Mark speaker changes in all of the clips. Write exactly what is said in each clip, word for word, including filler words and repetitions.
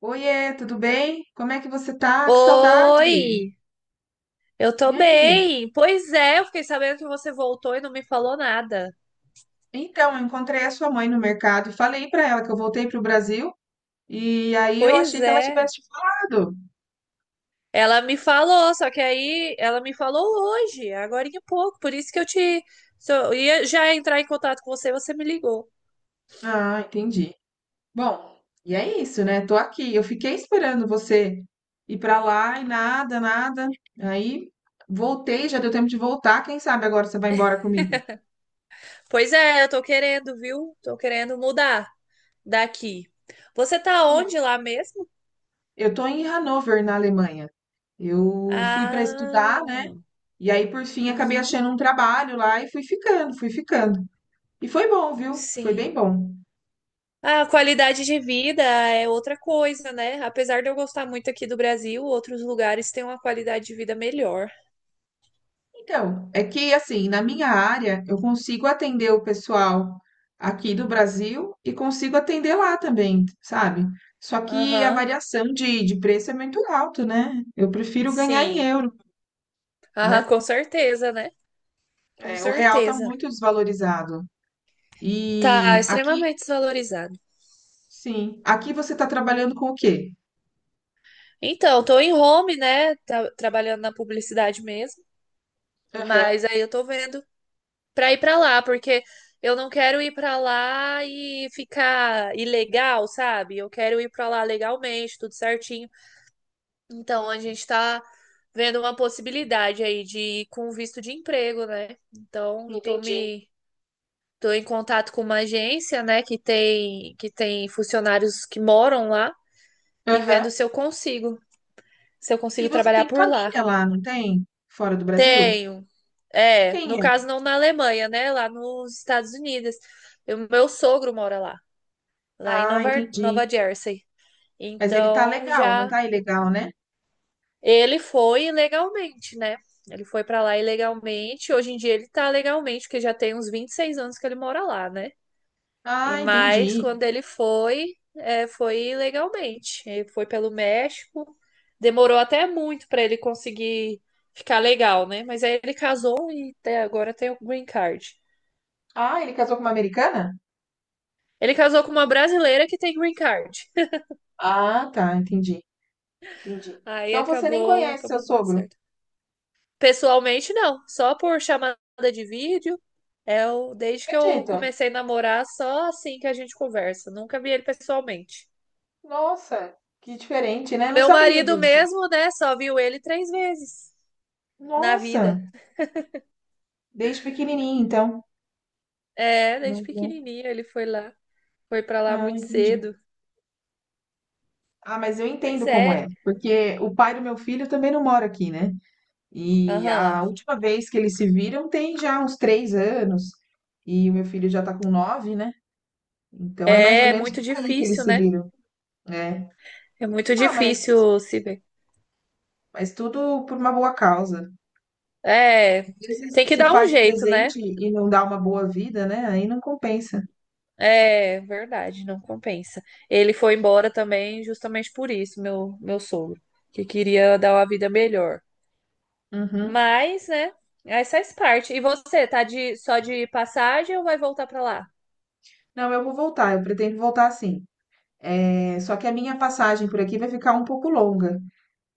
Speaker 1: Oiê, tudo bem? Como é que você tá? Que saudade!
Speaker 2: Oi, eu
Speaker 1: E
Speaker 2: tô
Speaker 1: aí?
Speaker 2: bem. Pois é, eu fiquei sabendo que você voltou e não me falou nada.
Speaker 1: Então, eu encontrei a sua mãe no mercado e falei pra ela que eu voltei pro Brasil e aí eu
Speaker 2: Pois
Speaker 1: achei que ela
Speaker 2: é,
Speaker 1: tivesse te falado.
Speaker 2: ela me falou, só que aí ela me falou hoje, agora em pouco, por isso que eu te so- eu ia já entrar em contato com você, você me ligou.
Speaker 1: Ah, entendi. Bom, e é isso, né? Tô aqui. Eu fiquei esperando você ir pra lá e nada, nada. Aí voltei, já deu tempo de voltar. Quem sabe agora você vai embora comigo?
Speaker 2: Pois é, eu tô querendo, viu? Tô querendo mudar daqui. Você tá
Speaker 1: É.
Speaker 2: onde lá mesmo?
Speaker 1: Eu tô em Hannover, na Alemanha. Eu fui pra estudar, né?
Speaker 2: Ah,
Speaker 1: E aí, por fim, acabei
Speaker 2: uhum,
Speaker 1: achando um trabalho lá e fui ficando, fui ficando. E foi bom, viu? Foi bem
Speaker 2: sim.
Speaker 1: bom.
Speaker 2: A qualidade de vida é outra coisa, né? Apesar de eu gostar muito aqui do Brasil, outros lugares têm uma qualidade de vida melhor.
Speaker 1: Então, é que assim, na minha área, eu consigo atender o pessoal aqui do Brasil e consigo atender lá também, sabe? Só que a
Speaker 2: Aham,
Speaker 1: variação de, de preço é muito alto, né? Eu prefiro ganhar em
Speaker 2: sim.
Speaker 1: euro,
Speaker 2: Ah, com
Speaker 1: né?
Speaker 2: certeza, né? Com
Speaker 1: É, o real tá
Speaker 2: certeza.
Speaker 1: muito desvalorizado.
Speaker 2: Tá
Speaker 1: E aqui,
Speaker 2: extremamente desvalorizado.
Speaker 1: sim, aqui você tá trabalhando com o quê?
Speaker 2: Então, tô em home, né? Tá- trabalhando na publicidade mesmo,
Speaker 1: Aham,
Speaker 2: mas aí eu tô vendo pra ir pra lá, porque eu não quero ir pra lá e ficar ilegal, sabe? Eu quero ir pra lá legalmente, tudo certinho. Então, a gente está vendo uma possibilidade aí de ir com visto de emprego, né? Então, tô
Speaker 1: entendi.
Speaker 2: me tô em contato com uma agência, né, que tem que tem funcionários que moram lá e
Speaker 1: Aham.
Speaker 2: vendo se eu consigo, se eu
Speaker 1: E
Speaker 2: consigo
Speaker 1: você
Speaker 2: trabalhar
Speaker 1: tem
Speaker 2: por lá.
Speaker 1: família lá, não tem? Fora do Brasil?
Speaker 2: Tenho. É, no
Speaker 1: Quem é?
Speaker 2: caso não na Alemanha, né, lá nos Estados Unidos. O meu sogro mora lá, lá em
Speaker 1: Ah,
Speaker 2: Nova
Speaker 1: entendi.
Speaker 2: Nova Jersey.
Speaker 1: Mas ele tá
Speaker 2: Então,
Speaker 1: legal, não
Speaker 2: já
Speaker 1: tá ilegal, né?
Speaker 2: Ele foi ilegalmente, né? Ele foi pra lá ilegalmente. Hoje em dia ele tá legalmente, porque já tem uns vinte e seis anos que ele mora lá, né? E
Speaker 1: Ah,
Speaker 2: mas
Speaker 1: entendi.
Speaker 2: quando ele foi, é, foi ilegalmente. Ele foi pelo México. Demorou até muito pra ele conseguir ficar legal, né? Mas aí ele casou e até agora tem o green card.
Speaker 1: Ah, ele casou com uma americana?
Speaker 2: Ele casou com uma brasileira que tem green card.
Speaker 1: Ah, tá, entendi. Entendi.
Speaker 2: Aí
Speaker 1: Então você nem
Speaker 2: acabou,
Speaker 1: conhece seu
Speaker 2: acabou dando
Speaker 1: sogro?
Speaker 2: certo. Pessoalmente, não. Só por chamada de vídeo. É o... Desde que eu
Speaker 1: Acredita?
Speaker 2: comecei a namorar, só assim que a gente conversa. Nunca vi ele pessoalmente.
Speaker 1: Nossa, que diferente, né? Não
Speaker 2: Meu
Speaker 1: sabia
Speaker 2: marido
Speaker 1: disso.
Speaker 2: mesmo, né? Só viu ele três vezes na
Speaker 1: Nossa,
Speaker 2: vida.
Speaker 1: desde pequenininho, então.
Speaker 2: É, desde
Speaker 1: Não, não.
Speaker 2: pequenininho ele foi lá. Foi pra lá
Speaker 1: Ah,
Speaker 2: muito
Speaker 1: entendi.
Speaker 2: cedo.
Speaker 1: Ah, mas eu entendo
Speaker 2: Pois
Speaker 1: como é,
Speaker 2: é.
Speaker 1: porque o pai do meu filho também não mora aqui, né? E
Speaker 2: Aham.
Speaker 1: a última vez que eles se viram tem já uns três anos. E o meu filho já tá com nove, né? Então é mais ou
Speaker 2: É é
Speaker 1: menos
Speaker 2: muito
Speaker 1: por aí que eles
Speaker 2: difícil,
Speaker 1: se
Speaker 2: né?
Speaker 1: viram, né?
Speaker 2: É muito
Speaker 1: Ah, mas,
Speaker 2: difícil se ver.
Speaker 1: mas tudo por uma boa causa.
Speaker 2: É.
Speaker 1: Às vezes
Speaker 2: Tem que
Speaker 1: se
Speaker 2: dar um
Speaker 1: faz
Speaker 2: jeito, né?
Speaker 1: presente e não dá uma boa vida, né? Aí não compensa.
Speaker 2: É verdade, não compensa. Ele foi embora também justamente por isso, meu, meu sogro, que queria dar uma vida melhor.
Speaker 1: Uhum.
Speaker 2: Mas, né, essa faz parte. E você, tá de, só de passagem ou vai voltar pra lá?
Speaker 1: Não, eu vou voltar, eu pretendo voltar sim. É, só que a minha passagem por aqui vai ficar um pouco longa.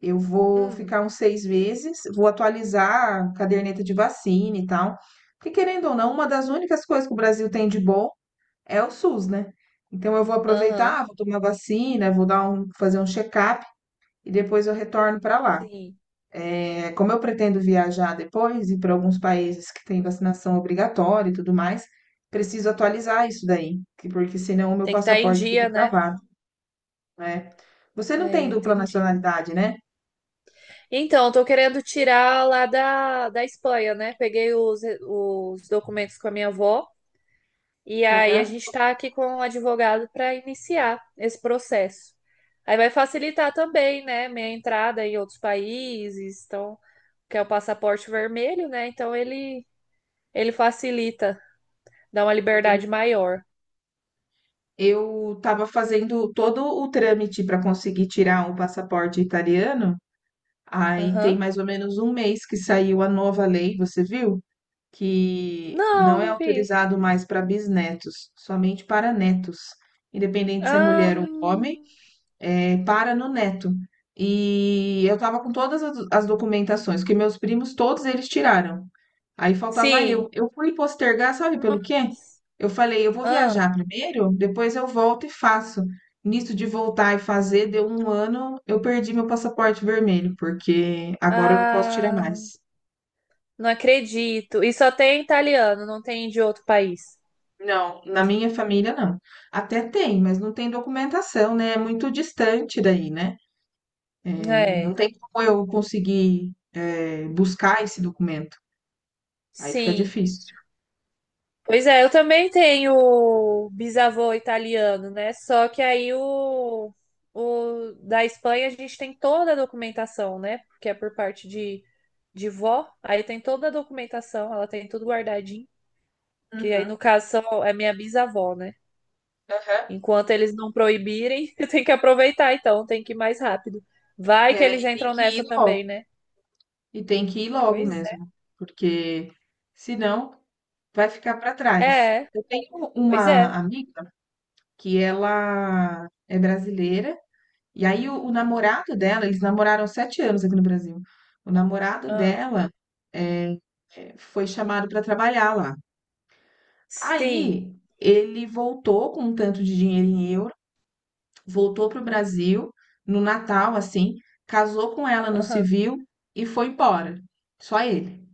Speaker 1: Eu vou
Speaker 2: Hum,
Speaker 1: ficar uns seis meses, vou atualizar a caderneta de vacina e tal. Porque, querendo ou não, uma das únicas coisas que o Brasil tem de bom é o S U S, né? Então, eu vou
Speaker 2: aham,
Speaker 1: aproveitar, vou tomar vacina, vou dar um, fazer um check-up e depois eu retorno para lá.
Speaker 2: sim.
Speaker 1: É, como eu pretendo viajar depois e para alguns países que têm vacinação obrigatória e tudo mais, preciso atualizar isso daí, que- porque senão o meu
Speaker 2: Tem que estar em
Speaker 1: passaporte fica
Speaker 2: dia, né?
Speaker 1: travado, né? Você não
Speaker 2: É,
Speaker 1: tem dupla
Speaker 2: entendi.
Speaker 1: nacionalidade, né?
Speaker 2: Então, eu tô querendo tirar lá da, da Espanha, né? Peguei os, os documentos com a minha avó. E aí a
Speaker 1: Aham.
Speaker 2: gente está aqui com um advogado para iniciar esse processo. Aí vai facilitar também, né, minha entrada em outros países, então, que é o passaporte vermelho, né? Então ele ele facilita, dá uma liberdade maior.
Speaker 1: Eu estava fazendo todo o trâmite para conseguir tirar o passaporte italiano. Aí tem
Speaker 2: Aham.
Speaker 1: mais ou menos um mês que saiu a nova lei, você viu? Que
Speaker 2: Não,
Speaker 1: não é
Speaker 2: não vi.
Speaker 1: autorizado mais para bisnetos, somente para netos, independente se é
Speaker 2: Ah,
Speaker 1: mulher ou homem é, para no Neto. E eu tava com todas as as documentações, que meus primos, todos eles tiraram. Aí faltava
Speaker 2: sim.
Speaker 1: eu. Eu fui postergar, sabe pelo quê? Eu falei, eu vou
Speaker 2: Ah,
Speaker 1: viajar primeiro, depois eu volto e faço. Nisso de voltar e fazer, deu um ano, eu perdi meu passaporte vermelho, porque agora eu não posso tirar
Speaker 2: ah,
Speaker 1: mais.
Speaker 2: não acredito. E só tem italiano, não tem de outro país.
Speaker 1: Não, na minha família não. Até tem, mas não tem documentação, né? É muito distante daí, né? É,
Speaker 2: É,
Speaker 1: não tem como eu conseguir, eh, buscar esse documento. Aí fica
Speaker 2: sim.
Speaker 1: difícil.
Speaker 2: Pois é, eu também tenho bisavô italiano, né? Só que aí o, o da Espanha a gente tem toda a documentação, né? Porque é por parte de, de vó, aí tem toda a documentação, ela tem tudo guardadinho. Que aí,
Speaker 1: Uhum,
Speaker 2: no caso, são, é minha bisavó, né?
Speaker 1: aham.
Speaker 2: Enquanto eles não proibirem, tem que aproveitar, então, tem que ir mais rápido. Vai que
Speaker 1: É,
Speaker 2: eles
Speaker 1: e tem
Speaker 2: entram
Speaker 1: que
Speaker 2: nessa
Speaker 1: ir
Speaker 2: também,
Speaker 1: logo.
Speaker 2: né?
Speaker 1: E tem que ir logo
Speaker 2: Pois é.
Speaker 1: mesmo, porque senão vai ficar para trás.
Speaker 2: É,
Speaker 1: Eu tenho
Speaker 2: pois
Speaker 1: uma
Speaker 2: é.
Speaker 1: amiga que ela é brasileira, e aí o, o namorado dela, eles namoraram sete anos aqui no Brasil. O namorado
Speaker 2: Ah,
Speaker 1: dela eh, eh, foi chamado para trabalhar lá.
Speaker 2: sim.
Speaker 1: Aí ele voltou com um tanto de dinheiro em euro, voltou para o Brasil no Natal, assim, casou com ela no
Speaker 2: Aham.
Speaker 1: civil e foi embora. Só ele.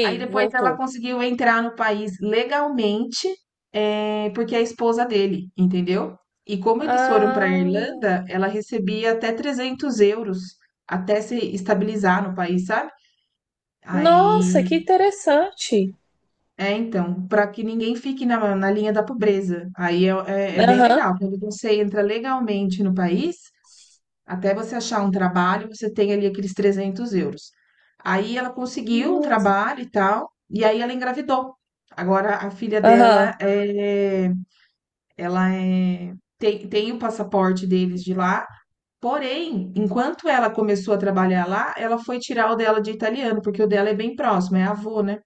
Speaker 1: Aí depois ela
Speaker 2: voltou.
Speaker 1: conseguiu entrar no país legalmente, eh, porque é a esposa dele, entendeu? E como eles foram para a
Speaker 2: Ah,
Speaker 1: Irlanda, ela recebia até trezentos euros até se estabilizar no país, sabe?
Speaker 2: nossa, que
Speaker 1: Aí
Speaker 2: interessante.
Speaker 1: é, então, para que ninguém fique na, na linha da pobreza. Aí é, é- é bem
Speaker 2: Aham.
Speaker 1: legal. Quando você entra legalmente no país, até você achar um trabalho, você tem ali aqueles trezentos euros. Aí ela conseguiu um
Speaker 2: Nossa.
Speaker 1: trabalho e tal, e aí ela engravidou. Agora a filha dela
Speaker 2: Aham.
Speaker 1: é, ela é, tem, tem o passaporte deles de lá. Porém, enquanto ela começou a trabalhar lá, ela foi tirar o dela de italiano, porque o dela é bem próximo, é avô, né?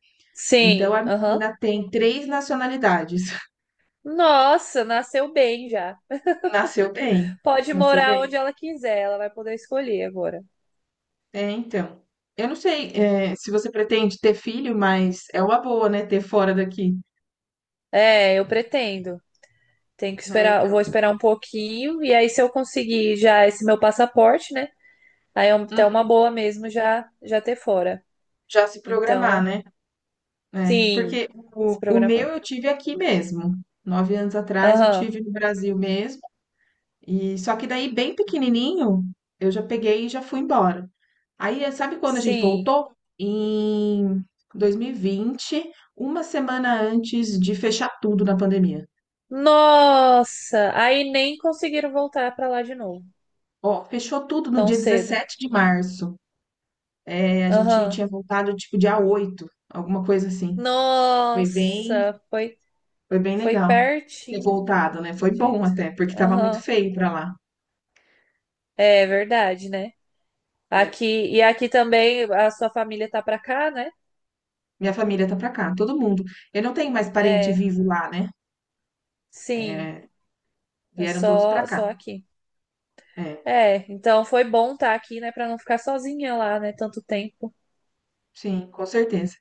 Speaker 1: Então
Speaker 2: Sim,
Speaker 1: a
Speaker 2: aham.
Speaker 1: menina tem três nacionalidades.
Speaker 2: Nossa, nasceu bem já.
Speaker 1: Nasceu bem,
Speaker 2: Pode
Speaker 1: nasceu
Speaker 2: morar
Speaker 1: bem.
Speaker 2: onde ela quiser, ela vai poder escolher agora.
Speaker 1: É, então. Eu não sei, eh, se você pretende ter filho, mas é uma boa, né, ter fora daqui.
Speaker 2: É, eu pretendo. Tenho que
Speaker 1: É,
Speaker 2: esperar, eu vou
Speaker 1: então.
Speaker 2: esperar um pouquinho e aí se eu conseguir já esse meu passaporte, né? Aí é um- até uma
Speaker 1: Uhum.
Speaker 2: boa mesmo já já ter fora.
Speaker 1: Já se programar,
Speaker 2: Então,
Speaker 1: né? É,
Speaker 2: sim,
Speaker 1: porque
Speaker 2: se
Speaker 1: o o
Speaker 2: programar.
Speaker 1: meu eu tive aqui mesmo. Nove anos atrás eu
Speaker 2: Aham.
Speaker 1: tive no Brasil mesmo. E só que daí, bem pequenininho, eu já peguei e já fui embora. Aí, eh, sabe quando a gente
Speaker 2: Sim.
Speaker 1: voltou? Em dois mil e vinte, uma semana antes de fechar tudo na pandemia.
Speaker 2: Nossa! Aí nem conseguiram voltar pra lá de novo,
Speaker 1: Ó, fechou tudo no
Speaker 2: tão
Speaker 1: dia
Speaker 2: cedo.
Speaker 1: dezessete de março. Eh, a gente tinha
Speaker 2: Aham.
Speaker 1: voltado tipo dia oito, alguma coisa assim. Foi bem,
Speaker 2: Nossa! Foi,
Speaker 1: foi bem
Speaker 2: foi
Speaker 1: legal ter
Speaker 2: pertinho.
Speaker 1: voltado, né? Foi bom
Speaker 2: Gente.
Speaker 1: até, porque tava muito
Speaker 2: Aham.
Speaker 1: feio pra lá.
Speaker 2: É verdade, né?
Speaker 1: É.
Speaker 2: Aqui, e aqui também a sua família tá pra cá, né?
Speaker 1: Minha família tá pra cá, todo mundo. Eu não tenho mais parente
Speaker 2: É,
Speaker 1: vivo lá, né?
Speaker 2: sim.
Speaker 1: É,
Speaker 2: É
Speaker 1: vieram todos pra
Speaker 2: só,
Speaker 1: cá.
Speaker 2: só aqui.
Speaker 1: É,
Speaker 2: É, então foi bom estar aqui, né, pra não ficar sozinha lá, né, tanto tempo.
Speaker 1: sim, com certeza.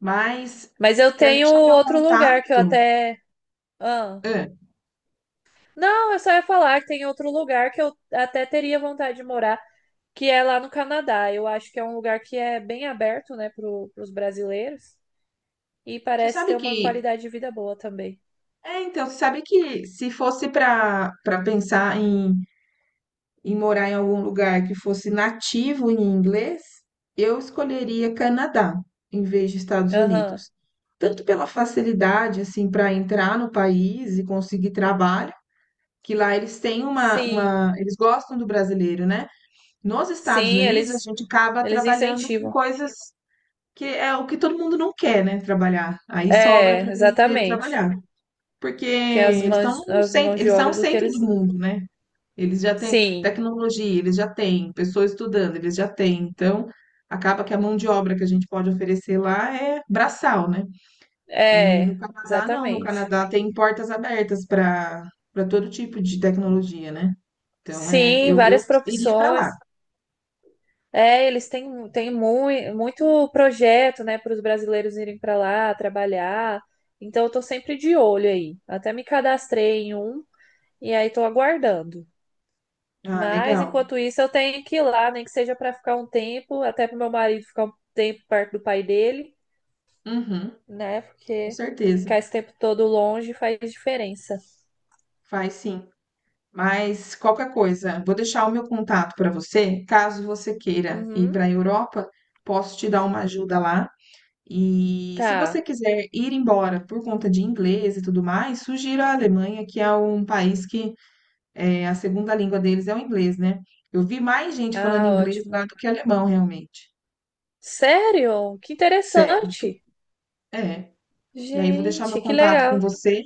Speaker 1: Mas
Speaker 2: Mas eu
Speaker 1: quero
Speaker 2: tenho
Speaker 1: deixar meu
Speaker 2: outro lugar que eu
Speaker 1: contato.
Speaker 2: até. Ah,
Speaker 1: Hã,
Speaker 2: não, eu só ia falar que tem outro lugar que eu até teria vontade de morar, que é lá no Canadá. Eu acho que é um lugar que é bem aberto, né, pro, pros brasileiros e
Speaker 1: você
Speaker 2: parece
Speaker 1: sabe
Speaker 2: ter uma
Speaker 1: que.
Speaker 2: qualidade de vida boa também.
Speaker 1: É, então, você sabe que se fosse para para pensar em, em morar em algum lugar que fosse nativo em inglês, eu escolheria Canadá em vez de Estados
Speaker 2: Aham.
Speaker 1: Unidos. Tanto pela facilidade, assim, para entrar no país e conseguir trabalho, que lá eles têm uma,
Speaker 2: Sim.
Speaker 1: uma. Eles gostam do brasileiro, né? Nos Estados
Speaker 2: Sim,
Speaker 1: Unidos, a
Speaker 2: eles
Speaker 1: gente acaba
Speaker 2: eles
Speaker 1: trabalhando com
Speaker 2: incentivam.
Speaker 1: coisas que é o que todo mundo não quer, né? Trabalhar. Aí sobra
Speaker 2: É,
Speaker 1: para brasileiro
Speaker 2: exatamente.
Speaker 1: trabalhar. Porque
Speaker 2: Que as
Speaker 1: eles
Speaker 2: mãos
Speaker 1: estão
Speaker 2: as mãos
Speaker 1: sempre,
Speaker 2: de
Speaker 1: eles são o
Speaker 2: obra do que
Speaker 1: centro do
Speaker 2: eles.
Speaker 1: mundo, né? Eles já têm
Speaker 2: Sim.
Speaker 1: tecnologia, eles já têm pessoas estudando, eles já têm. Então, acaba que a mão de obra que a gente pode oferecer lá é braçal, né? E
Speaker 2: É,
Speaker 1: no Canadá, não. No
Speaker 2: exatamente.
Speaker 1: Canadá tem portas abertas para para todo tipo de tecnologia, né? Então, é,
Speaker 2: Sim,
Speaker 1: eu, eu
Speaker 2: várias
Speaker 1: iria para
Speaker 2: profissões.
Speaker 1: lá.
Speaker 2: É, eles têm, têm mui- muito projeto, né, para os brasileiros irem para lá trabalhar. Então, eu tô sempre de olho aí. Até me cadastrei em um e aí tô aguardando.
Speaker 1: Ah,
Speaker 2: Mas,
Speaker 1: legal.
Speaker 2: enquanto isso, eu tenho que ir lá, nem que seja para ficar um tempo, até para meu marido ficar um tempo perto do pai dele,
Speaker 1: Uhum,
Speaker 2: né?
Speaker 1: com
Speaker 2: Porque
Speaker 1: certeza.
Speaker 2: ficar esse tempo todo longe faz diferença.
Speaker 1: Faz sim. Mas qualquer coisa, vou deixar o meu contato para você, caso você queira ir
Speaker 2: Uhum,
Speaker 1: para a Europa, posso te dar uma ajuda lá. E se você
Speaker 2: tá.
Speaker 1: quiser ir embora por conta de inglês e tudo mais, sugiro a Alemanha, que é um país que é, a segunda língua deles é o inglês, né? Eu vi mais gente falando
Speaker 2: Ah,
Speaker 1: inglês lá
Speaker 2: ótimo.
Speaker 1: do que alemão, realmente.
Speaker 2: Sério? Que
Speaker 1: Sério.
Speaker 2: interessante.
Speaker 1: É. E aí vou deixar meu
Speaker 2: Gente, que
Speaker 1: contato com
Speaker 2: legal.
Speaker 1: você.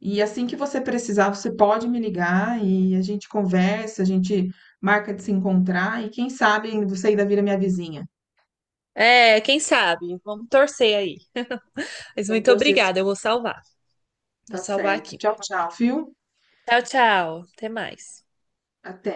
Speaker 1: E assim que você precisar, você pode me ligar e a gente conversa, a gente marca de se encontrar e quem sabe você ainda vira minha vizinha.
Speaker 2: É, quem sabe? Vamos torcer aí. Mas
Speaker 1: Vamos
Speaker 2: muito
Speaker 1: torcer
Speaker 2: obrigada,
Speaker 1: se
Speaker 2: eu vou salvar. Vou
Speaker 1: tá
Speaker 2: salvar
Speaker 1: certo.
Speaker 2: aqui.
Speaker 1: Tchau, tchau, viu?
Speaker 2: Tchau, tchau. Até mais.
Speaker 1: Até.